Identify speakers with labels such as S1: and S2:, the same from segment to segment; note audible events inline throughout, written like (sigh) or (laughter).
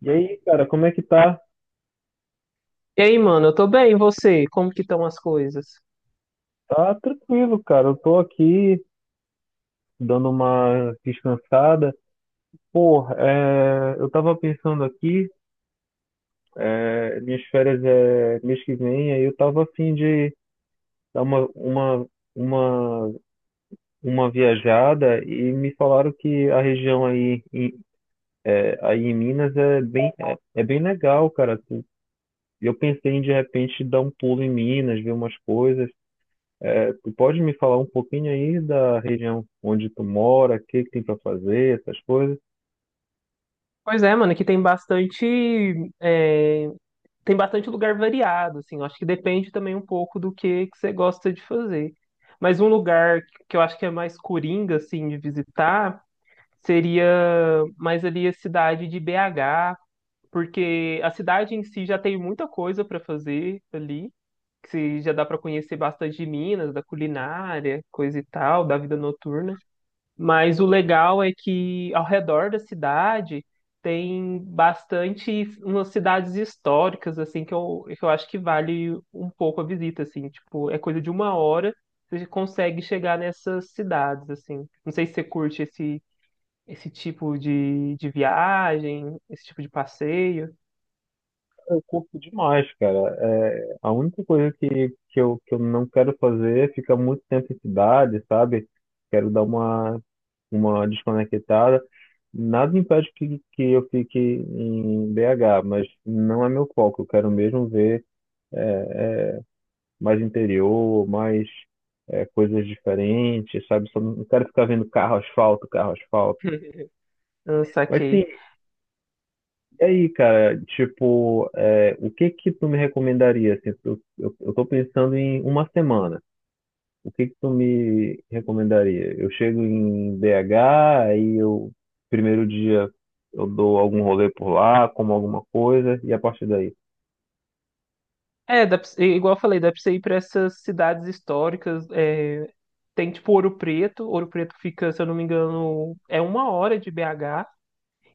S1: E aí, cara, como é que tá?
S2: E aí, mano, eu tô bem, e você? Como que estão as coisas?
S1: Tá tranquilo, cara. Eu tô aqui dando uma descansada. Eu tava pensando aqui, minhas férias é mês que vem, aí eu tava afim de dar uma, uma viajada e me falaram que a região aí em Minas é é bem legal, cara. Eu pensei em de repente dar um pulo em Minas, ver umas coisas. É, tu pode me falar um pouquinho aí da região onde tu mora, o que que tem para fazer, essas coisas?
S2: Pois é, mano, aqui tem bastante, é, tem bastante lugar variado, assim, eu acho que depende também um pouco do que você gosta de fazer. Mas um lugar que eu acho que é mais coringa, assim, de visitar, seria mais ali a cidade de BH, porque a cidade em si já tem muita coisa para fazer ali, que se- já dá para conhecer bastante de Minas, da culinária, coisa e tal, da vida noturna. Mas o legal é que ao redor da cidade tem bastante umas cidades históricas assim que eu acho que vale um pouco a visita assim, tipo, é coisa de uma hora você consegue chegar nessas cidades assim. Não sei se você curte esse tipo de viagem, esse tipo de passeio.
S1: Eu curto demais, cara. A única coisa que eu não quero fazer é ficar muito tempo em cidade, sabe? Quero dar uma desconectada. Nada impede que eu fique em BH, mas não é meu foco. Eu quero mesmo ver mais interior, mais coisas diferentes, sabe? Só não quero ficar vendo carro, asfalto, carro, asfalto.
S2: (laughs) Ah,
S1: Mas
S2: saquei.
S1: sim. E aí, cara, o que que tu me recomendaria? Assim, eu tô pensando em uma semana. O que que tu me recomendaria? Eu chego em BH, aí eu, primeiro dia, eu dou algum rolê por lá, como alguma coisa, e a partir daí?
S2: É, dá pra igual eu falei, dá pra você ir pra essas cidades históricas. Tem tipo Ouro Preto. Ouro Preto fica, se eu não me engano, é uma hora de BH.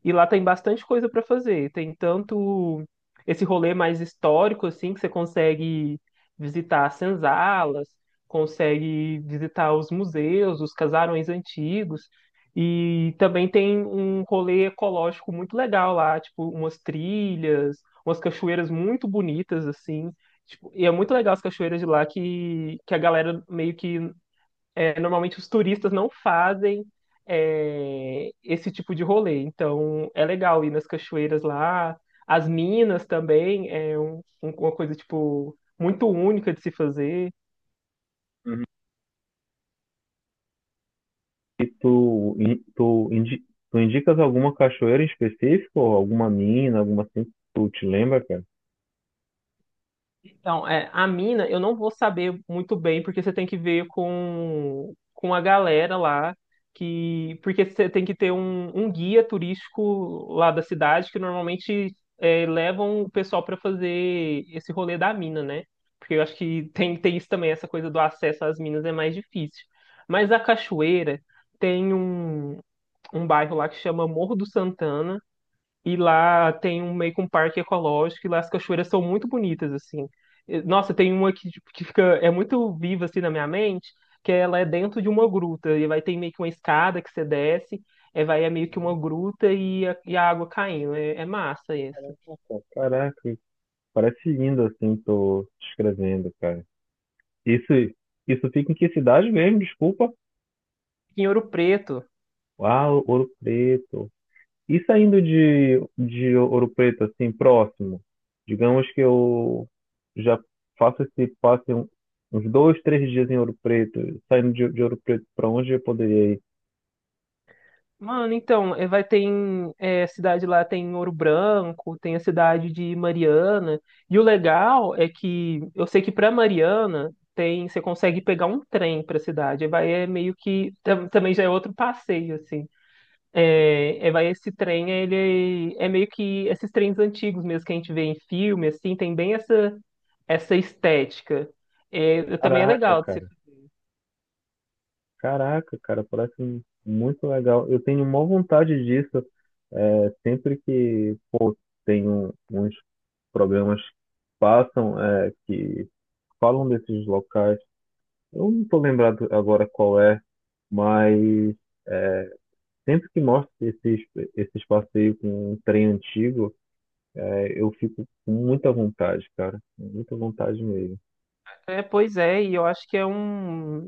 S2: E lá tem bastante coisa para fazer. Tem tanto esse rolê mais histórico, assim, que você consegue visitar as senzalas, consegue visitar os museus, os casarões antigos. E também tem um rolê ecológico muito legal lá, tipo, umas trilhas, umas cachoeiras muito bonitas, assim. Tipo, e é muito legal as cachoeiras de lá que a galera meio que normalmente os turistas não fazem esse tipo de rolê. Então é legal ir nas cachoeiras lá. As minas também é uma coisa tipo muito única de se fazer.
S1: Uhum. E tu indicas alguma cachoeira em específico, ou alguma mina, alguma assim, que tu te lembra, cara?
S2: Então, a mina, eu não vou saber muito bem, porque você tem que ver com a galera lá, porque você tem que ter um guia turístico lá da cidade, que normalmente levam o pessoal para fazer esse rolê da mina, né? Porque eu acho tem isso também, essa coisa do acesso às minas é mais difícil. Mas a Cachoeira tem um bairro lá que chama Morro do Santana, e lá tem um meio que um parque ecológico e lá as cachoeiras são muito bonitas, assim. E, nossa, tem uma que, tipo, que fica, é muito viva, assim, na minha mente, que ela é dentro de uma gruta e vai ter meio que uma escada que você desce, vai é meio que uma gruta e a água caindo. É, é massa essa.
S1: Caraca, parece lindo assim, tô te escrevendo, cara. Isso, isso fica em que cidade mesmo? Desculpa.
S2: Em Ouro Preto.
S1: Ah, Ouro Preto. E saindo de Ouro Preto, assim, próximo, digamos que eu já faço uns dois, três dias em Ouro Preto, saindo de Ouro Preto, para onde eu poderia ir?
S2: Mano, então, vai ter em, cidade lá, tem Ouro Branco, tem a cidade de Mariana. E o legal é que eu sei que para Mariana tem, você consegue pegar um trem para a cidade. Aí vai é meio que também já é outro passeio assim. Vai esse trem, ele é meio que esses trens antigos mesmo que a gente vê em filme, assim, tem bem essa estética. É, também é
S1: Caraca,
S2: legal. De se-
S1: cara. Caraca, cara, parece muito legal. Eu tenho maior vontade disso. É, sempre que, pô, Tenho uns programas que passam, que falam desses locais. Eu não estou lembrado agora qual é, mas sempre que mostra esses passeios com um trem antigo, eu fico com muita vontade, cara. Muita vontade mesmo.
S2: É, pois é, e eu acho que é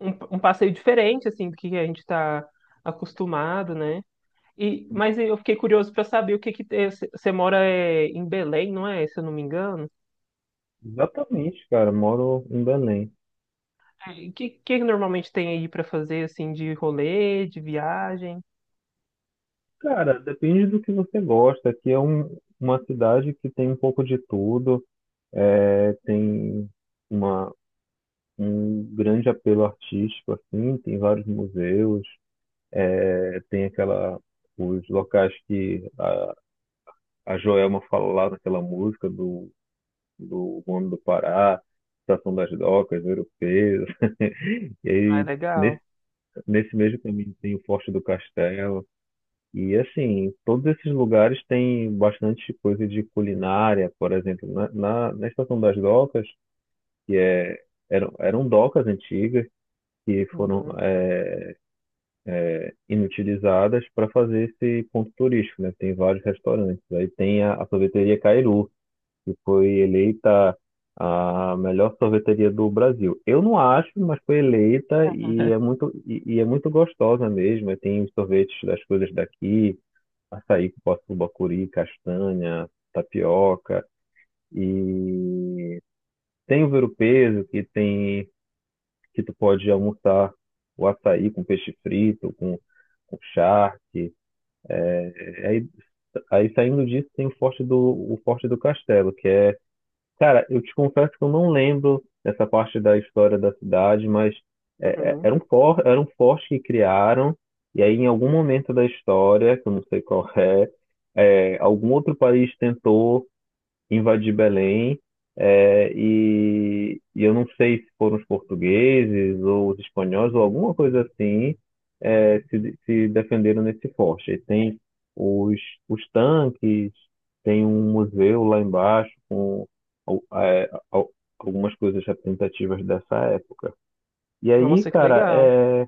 S2: um, um passeio diferente, assim, do que a gente está acostumado, né? E, mas eu fiquei curioso para saber o que você mora é, em Belém, não é? Se eu não me engano.
S1: Exatamente, cara. Moro em Belém.
S2: É, e o que normalmente tem aí para fazer, assim, de rolê, de viagem?
S1: Cara, depende do que você gosta. Aqui é uma cidade que tem um pouco de tudo. Tem uma, um grande apelo artístico, assim. Tem vários museus. Tem os locais que a Joelma fala lá naquela música do Homem do Pará, Estação das Docas, europeia. E
S2: Ah, é
S1: aí, nesse,
S2: legal.
S1: nesse mesmo caminho tem o Forte do Castelo. E assim, todos esses lugares têm bastante coisa de culinária, por exemplo, na Estação das Docas, que eram docas antigas que foram
S2: Uhum.
S1: inutilizadas para fazer esse ponto turístico, né? Tem vários restaurantes. Aí tem a sorveteria Cairu, que foi eleita a melhor sorveteria do Brasil. Eu não acho, mas foi eleita e é
S2: (laughs)
S1: e é muito gostosa mesmo. E tem os sorvetes das coisas daqui, açaí, cupuaçu, curi, castanha, tapioca. E tem o verupeso, que tu pode almoçar o açaí com peixe frito, com charque. É, Aí, aí saindo disso tem o Forte do Castelo, que é. Cara, eu te confesso que eu não lembro dessa parte da história da cidade, mas
S2: Uhum.
S1: era um forte que criaram, e aí em algum momento da história, que eu não sei qual é, algum outro país tentou invadir Belém, e eu não sei se foram os portugueses ou os espanhóis ou alguma coisa assim, se defenderam nesse forte. Aí tem os, os tanques, tem um museu lá embaixo com al- é, al- algumas coisas representativas dessa época. E aí,
S2: Nossa, que
S1: cara.
S2: legal.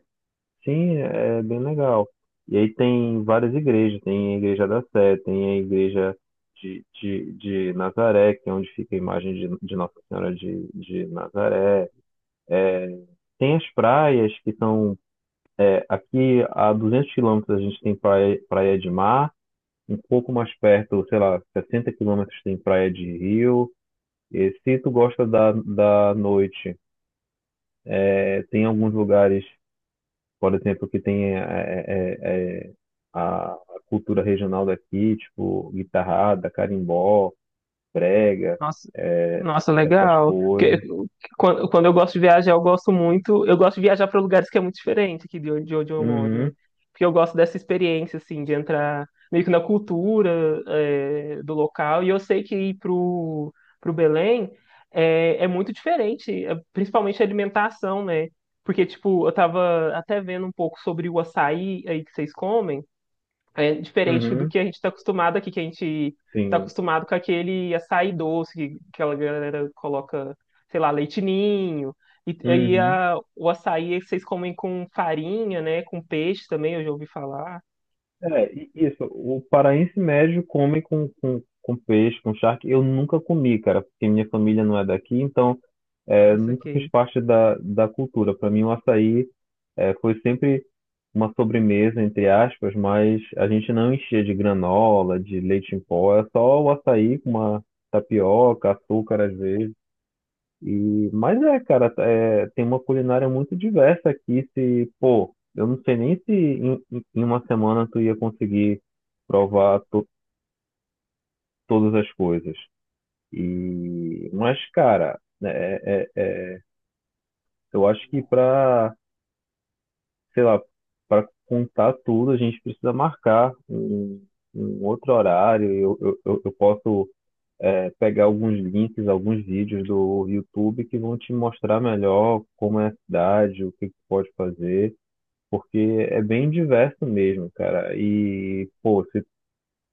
S1: Sim, é bem legal. E aí tem várias igrejas, tem a igreja da Sé, tem a igreja de Nazaré, que é onde fica a imagem de Nossa Senhora de Nazaré. Tem as praias, que são aqui a 200 quilômetros a gente tem praia, praia de mar, um pouco mais perto, sei lá, 60 quilômetros tem praia de rio. E se tu gosta da noite, tem alguns lugares por exemplo, que tem a cultura regional daqui, tipo guitarrada, carimbó, brega,
S2: Nossa,
S1: é,
S2: nossa,
S1: essas
S2: legal. Porque
S1: coisas.
S2: quando eu gosto de viajar, eu gosto muito, eu gosto de viajar para lugares que é muito diferente aqui de de onde eu moro, né?
S1: Uhum,
S2: Porque eu gosto dessa experiência, assim, de entrar meio que na cultura, do local. E eu sei que ir pro Belém é, é muito diferente, é, principalmente a alimentação, né? Porque, tipo, eu tava até vendo um pouco sobre o açaí aí que vocês comem. É diferente do
S1: uhum,
S2: que a gente está acostumado aqui, que a gente está
S1: sim.
S2: acostumado com aquele açaí doce, que aquela galera coloca, sei lá, leite ninho. E aí
S1: Uhum.
S2: o açaí vocês comem com farinha, né? Com peixe também, eu já ouvi falar.
S1: É, e isso, o paraense médio come com peixe, com charque. Eu nunca comi, cara, porque minha família não é daqui, então
S2: Ah,
S1: nunca fiz
S2: saquei.
S1: parte da cultura. Para mim, o açaí, foi sempre uma sobremesa, entre aspas, mas a gente não enchia de granola, de leite em pó, é só o açaí com uma tapioca, açúcar às vezes. Tem uma culinária muito diversa aqui. Se, pô, Eu não sei nem se em uma semana tu ia conseguir provar to- todas as coisas. E, mas, cara, é, é- é, Eu acho que para, sei lá, para contar tudo, a gente precisa marcar um outro horário. Eu eu posso pegar alguns links, alguns vídeos do YouTube que vão te mostrar melhor como é a cidade, o que que pode fazer, porque é bem diverso mesmo, cara. E, pô, se,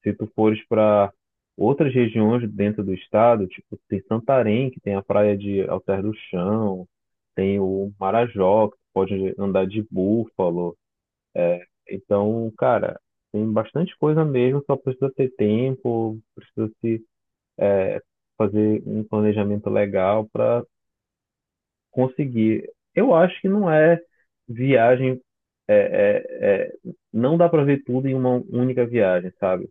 S1: se tu fores para outras regiões dentro do estado, tipo, tem Santarém, que tem a praia de Alter do Chão, tem o Marajó, que tu pode andar de búfalo. Então, cara, tem bastante coisa mesmo, só precisa ter tempo, precisa se fazer um planejamento legal para conseguir. Eu acho que não é viagem, é, é, é, não dá para ver tudo em uma única viagem, sabe?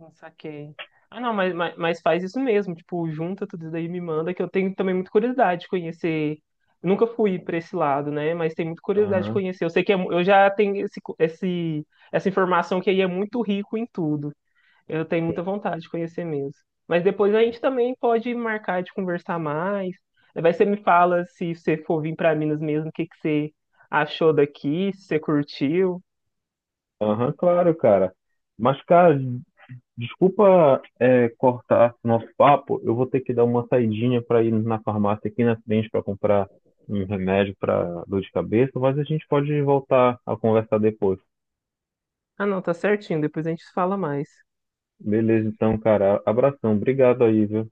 S2: Ah, saquei. Ah, não, mas faz isso mesmo. Tipo, junta tudo isso daí e me manda, que eu tenho também muita curiosidade de conhecer. Nunca fui para esse lado, né? Mas tenho muita curiosidade de
S1: Aham,
S2: conhecer. Eu sei que é eu já tenho essa informação que aí é muito rico em tudo. Eu tenho muita
S1: sim.
S2: vontade de conhecer mesmo. Mas depois a gente também pode marcar de conversar mais. Vai você me fala se você for vir para Minas mesmo, o que que você achou daqui, se você curtiu.
S1: Aham, claro, cara. Mas, cara, desculpa, cortar nosso papo. Eu vou ter que dar uma saidinha para ir na farmácia aqui na frente para comprar um remédio para dor de cabeça, mas a gente pode voltar a conversar depois.
S2: Ah, não, tá certinho. Depois a gente fala mais.
S1: Beleza, então, cara. Abração. Obrigado aí, viu?